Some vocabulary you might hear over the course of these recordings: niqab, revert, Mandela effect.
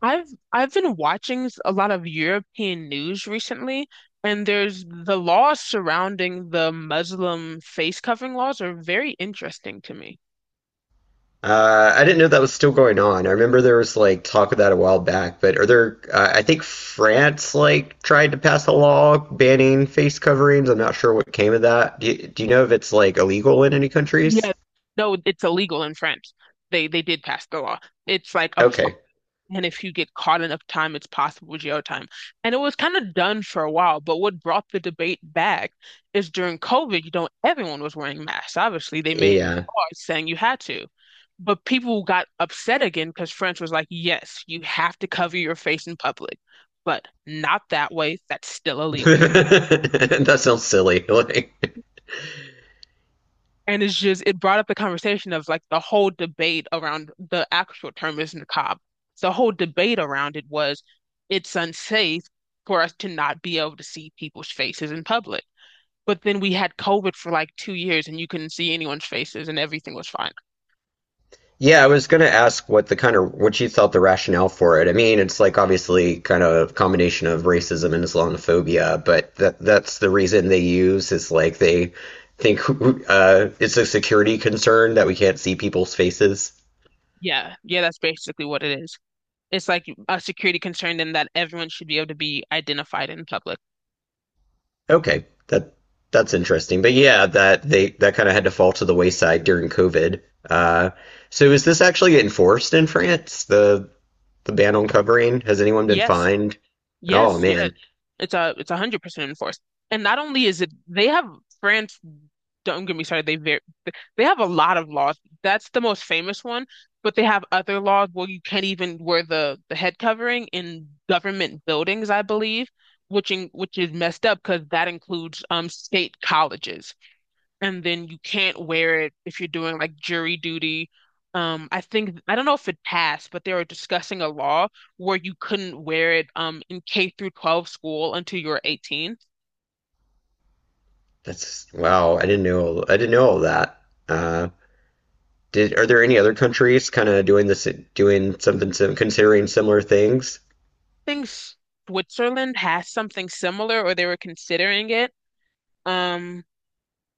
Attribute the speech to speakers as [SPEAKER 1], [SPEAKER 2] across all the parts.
[SPEAKER 1] I've I've been watching a lot of European news recently, and there's the laws surrounding the Muslim face covering laws are very interesting to me.
[SPEAKER 2] I didn't know that was still going on. I remember there was like talk of that a while back, but are there, I think France like tried to pass a law banning face coverings. I'm not sure what came of that. Do you know if it's like illegal in any countries?
[SPEAKER 1] Yeah. No, it's illegal in France. They did pass the law. It's like a fine.
[SPEAKER 2] Okay.
[SPEAKER 1] And if you get caught enough time, it's possible jail time. And it was kind of done for a while, but what brought the debate back is during COVID, everyone was wearing masks. Obviously, they made
[SPEAKER 2] Yeah.
[SPEAKER 1] laws saying you had to. But people got upset again because France was like, yes, you have to cover your face in public, but not that way. That's still illegal.
[SPEAKER 2] That sounds silly. Like,
[SPEAKER 1] And it brought up the conversation of like the whole debate around the actual term is niqab. So the whole debate around it was it's unsafe for us to not be able to see people's faces in public. But then we had COVID for like 2 years and you couldn't see anyone's faces and everything was fine.
[SPEAKER 2] yeah, I was gonna ask what the kind of what you thought the rationale for it. I mean, it's like obviously kind of a combination of racism and Islamophobia, but that's the reason they use is like they think it's a security concern that we can't see people's faces.
[SPEAKER 1] Yeah, yeah, that's basically what it is. It's like a security concern in that everyone should be able to be identified in public.
[SPEAKER 2] Okay, that's interesting. But yeah, that they that kind of had to fall to the wayside during COVID. Uh, so is this actually enforced in France? The ban on covering? Has anyone been
[SPEAKER 1] Yes,
[SPEAKER 2] fined? Oh
[SPEAKER 1] yes, yes.
[SPEAKER 2] man.
[SPEAKER 1] It's 100% enforced. And not only is it they have France, don't get me started, they very they have a lot of laws. That's the most famous one, but they have other laws where you can't even wear the head covering in government buildings, I believe, which is messed up because that includes state colleges. And then you can't wear it if you're doing like jury duty. I think I don't know if it passed, but they were discussing a law where you couldn't wear it in K through 12 school until you were 18. I
[SPEAKER 2] That's wow. I didn't know. I didn't know all that. Uh, did are there any other countries kind of doing this, doing something sim considering similar things?
[SPEAKER 1] think Switzerland has something similar, or they were considering it. Um,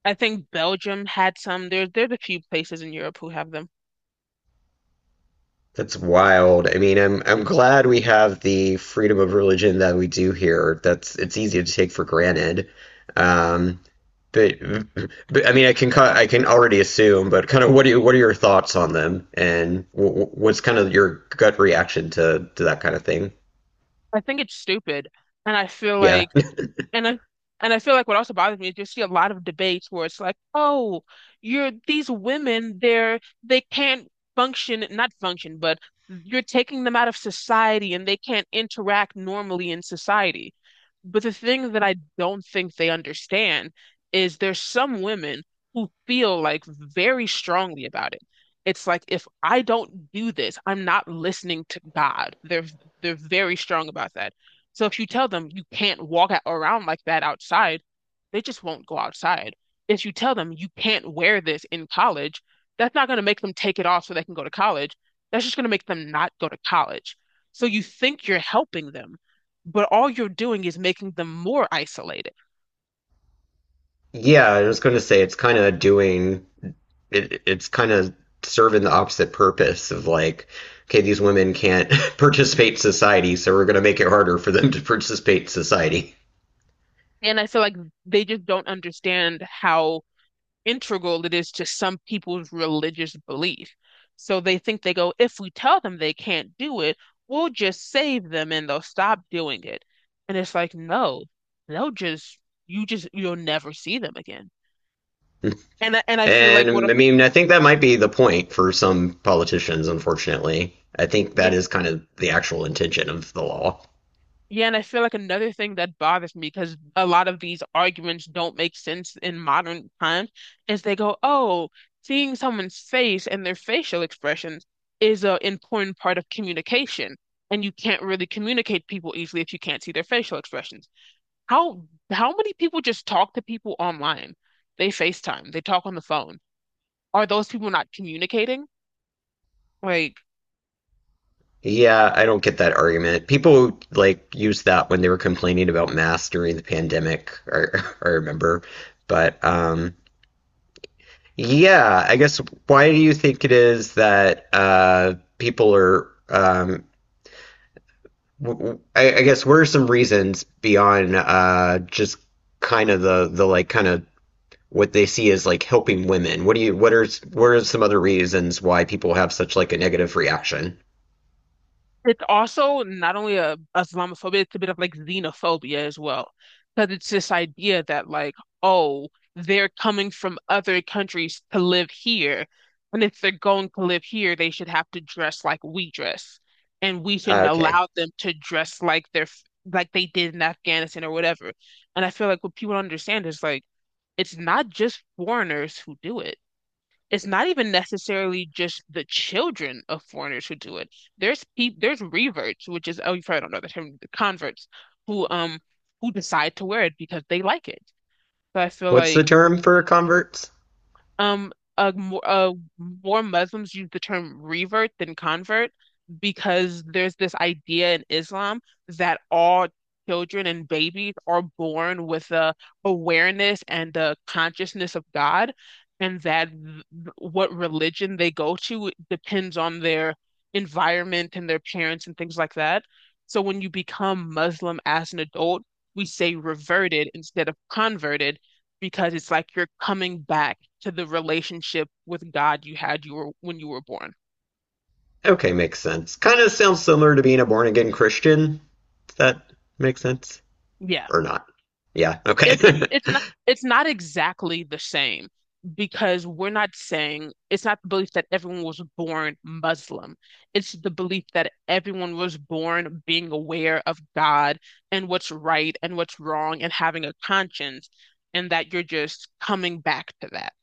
[SPEAKER 1] I think Belgium had some. There's a few places in Europe who have them.
[SPEAKER 2] That's wild. I mean, I'm glad we have the freedom of religion that we do here. That's it's easy to take for granted. Um, But, but I mean, I can already assume, but kind of what are your thoughts on them, and what's kind of your gut reaction to that kind of thing?
[SPEAKER 1] I think it's stupid, and I feel
[SPEAKER 2] Yeah,
[SPEAKER 1] like. And I and I feel like what also bothers me is you see a lot of debates where it's like, oh, you're these women, they can't function, not function, but you're taking them out of society and they can't interact normally in society. But the thing that I don't think they understand is there's some women who feel like very strongly about it. It's like if I don't do this, I'm not listening to God. They're very strong about that. So if you tell them you can't around like that outside, they just won't go outside. If you tell them you can't wear this in college, that's not going to make them take it off so they can go to college. That's just going to make them not go to college. So you think you're helping them, but all you're doing is making them more isolated.
[SPEAKER 2] yeah, I was going to say it's kind of doing it. It's kind of serving the opposite purpose of like, okay, these women can't participate in society, so we're going to make it harder for them to participate in society.
[SPEAKER 1] And I feel like they just don't understand how integral it is to some people's religious belief. So they go, if we tell them they can't do it, we'll just save them and they'll stop doing it. And it's like, no, they'll just you just you'll never see them again. And I feel like what a.
[SPEAKER 2] And I mean, I think that might be the point for some politicians, unfortunately. I think
[SPEAKER 1] Yeah.
[SPEAKER 2] that is kind of the actual intention of the law.
[SPEAKER 1] Yeah, and I feel like another thing that bothers me because a lot of these arguments don't make sense in modern times is they go, oh, seeing someone's face and their facial expressions is an important part of communication, and you can't really communicate people easily if you can't see their facial expressions. How how many people just talk to people online? They FaceTime, they talk on the phone. Are those people not communicating? Like,
[SPEAKER 2] Yeah, I don't get that argument. People like used that when they were complaining about masks during the pandemic, I remember. But yeah, I guess why do you think it is that people are w- w- I guess what are some reasons beyond just kind of the like kind of what they see as like helping women? What do you what are s- what are some other reasons why people have such like a negative reaction?
[SPEAKER 1] it's also not only a Islamophobia, it's a bit of like xenophobia as well. Because it's this idea that like, oh, they're coming from other countries to live here. And if they're going to live here, they should have to dress like we dress. And we shouldn't
[SPEAKER 2] Okay.
[SPEAKER 1] allow them to dress like like they did in Afghanistan or whatever. And I feel like what people don't understand is like it's not just foreigners who do it, it's not even necessarily just the children of foreigners who do it. There's reverts, which is oh you probably don't know the term, the converts who um who decide to wear it because they like it. So I feel
[SPEAKER 2] What's the
[SPEAKER 1] like
[SPEAKER 2] term for converts?
[SPEAKER 1] um, more Muslims use the term revert than convert because there's this idea in Islam that all children and babies are born with a awareness and a consciousness of God, and that what religion they go to depends on their environment and their parents and things like that. So when you become Muslim as an adult, we say reverted instead of converted because it's like you're coming back to the relationship with God you were when you were born.
[SPEAKER 2] Okay, makes sense. Kind of sounds similar to being a born again Christian. Does that make sense?
[SPEAKER 1] Yeah.
[SPEAKER 2] Or not? Yeah, okay.
[SPEAKER 1] It's not exactly the same because we're not saying it's not the belief that everyone was born Muslim. It's the belief that everyone was born being aware of God and what's right and what's wrong and having a conscience and that you're just coming back to that.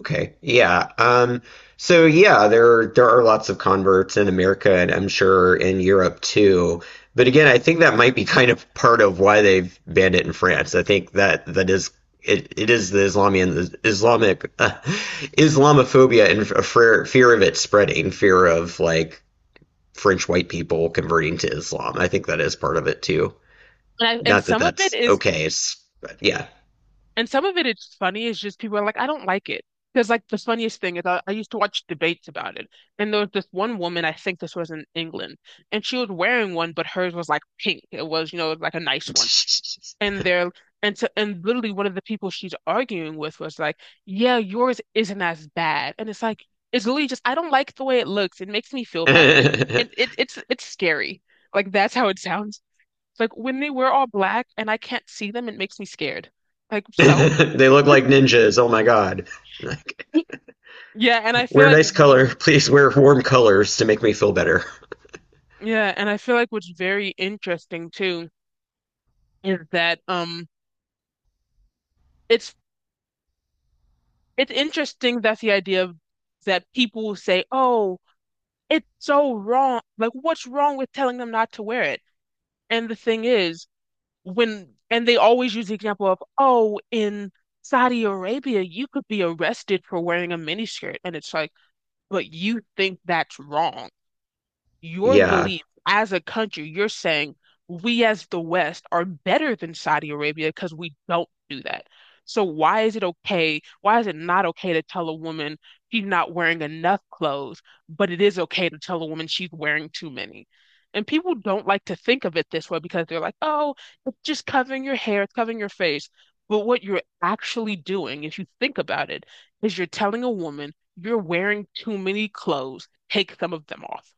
[SPEAKER 2] Okay. Yeah. So yeah, there are lots of converts in America and I'm sure in Europe too. But again, I think that might be kind of part of why they've banned it in France. I think that that is it is the Islamian Islamic Islamophobia and a fear of it spreading, fear of like French white people converting to Islam. I think that is part of it too.
[SPEAKER 1] And
[SPEAKER 2] Not that
[SPEAKER 1] some of it
[SPEAKER 2] that's
[SPEAKER 1] is.
[SPEAKER 2] okay, it's, but yeah.
[SPEAKER 1] And some of it is funny, it's just people are like, I don't like it. Because like the funniest thing is I used to watch debates about it. And there was this one woman, I think this was in England, and she was wearing one, but hers was like pink. It was, you know, like a nice one. And they're and so and Literally one of the people she's arguing with was like, yeah, yours isn't as bad. And it's like it's literally just I don't like the way it looks. It makes me feel bad. And it's scary. Like that's how it sounds. It's like when they wear all black and I can't see them, it makes me scared. Like so?
[SPEAKER 2] They look like ninjas. Oh my god. Like,
[SPEAKER 1] Yeah, and I feel
[SPEAKER 2] wear
[SPEAKER 1] like
[SPEAKER 2] nice
[SPEAKER 1] what,
[SPEAKER 2] color. Please wear warm colors to make me feel better.
[SPEAKER 1] yeah, and I feel like what's very interesting too is that it's it's interesting that the idea of that people say, "Oh, it's so wrong. Like what's wrong with telling them not to wear it?" And the thing is, when and they always use the example of, "Oh, in Saudi Arabia, you could be arrested for wearing a miniskirt." And it's like, "But you think that's wrong." Your
[SPEAKER 2] Yeah.
[SPEAKER 1] belief as a country, you're saying we as the West are better than Saudi Arabia because we don't do that. So why is it okay? Why is it not okay to tell a woman she's not wearing enough clothes, but it is okay to tell a woman she's wearing too many? And people don't like to think of it this way because they're like, oh, it's just covering your hair, it's covering your face. But what you're actually doing, if you think about it, is you're telling a woman you're wearing too many clothes, take some of them off.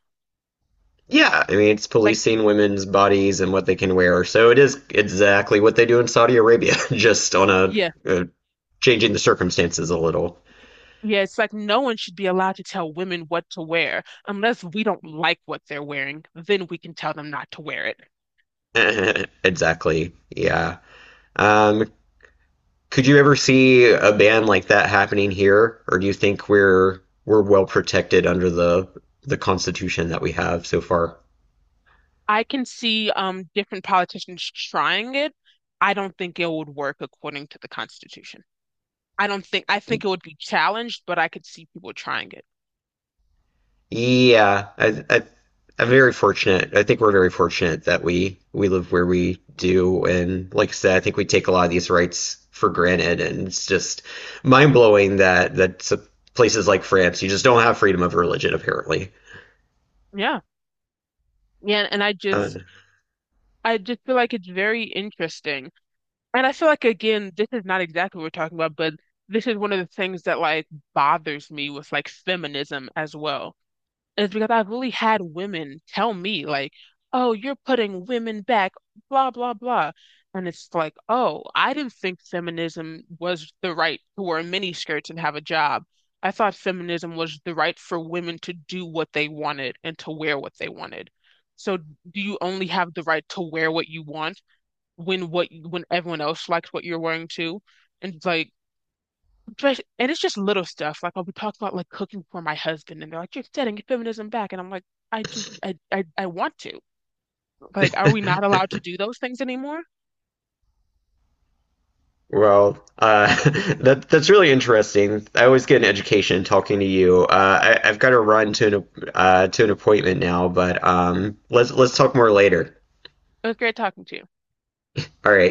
[SPEAKER 2] Yeah, I mean it's
[SPEAKER 1] Like.
[SPEAKER 2] policing women's bodies and what they can wear. So it is exactly what they do in Saudi Arabia, just on
[SPEAKER 1] Yeah.
[SPEAKER 2] a changing the circumstances a little.
[SPEAKER 1] Yeah, it's like no one should be allowed to tell women what to wear unless we don't like what they're wearing, then we can tell them not to wear it.
[SPEAKER 2] Exactly. Yeah. Um, Could you ever see a ban like that happening here, or do you think we're well protected under the Constitution that we have so far?
[SPEAKER 1] I can see different politicians trying it. I don't think it would work according to the Constitution. I don't think I
[SPEAKER 2] Y-
[SPEAKER 1] think it would be challenged, but I could see people trying it.
[SPEAKER 2] Yeah, I I'm very fortunate. I think we're very fortunate that we live where we do, and like I said, I think we take a lot of these rights for granted, and it's just mind blowing that that s- places like France, you just don't have freedom of religion apparently.
[SPEAKER 1] Yeah. Yeah, and
[SPEAKER 2] Uh,
[SPEAKER 1] I just feel like it's very interesting. And I feel like again, this is not exactly what we're talking about, but this is one of the things that like bothers me with like feminism as well is because I've really had women tell me, like, oh, you're putting women back, blah, blah, blah. And it's like, oh, I didn't think feminism was the right to wear miniskirts and have a job. I thought feminism was the right for women to do what they wanted and to wear what they wanted. So do you only have the right to wear what you want when everyone else likes what you're wearing too? And like but and It's just little stuff. Like I'll be talking about like cooking for my husband, and they're like, "You're setting feminism back," and I'm like, "I do, I want to. Like, are we not allowed to do those things anymore?"
[SPEAKER 2] Well, that's really interesting. I always get an education talking to you. I've got to run to an appointment now, but let's talk more later.
[SPEAKER 1] It was great talking to you.
[SPEAKER 2] All right.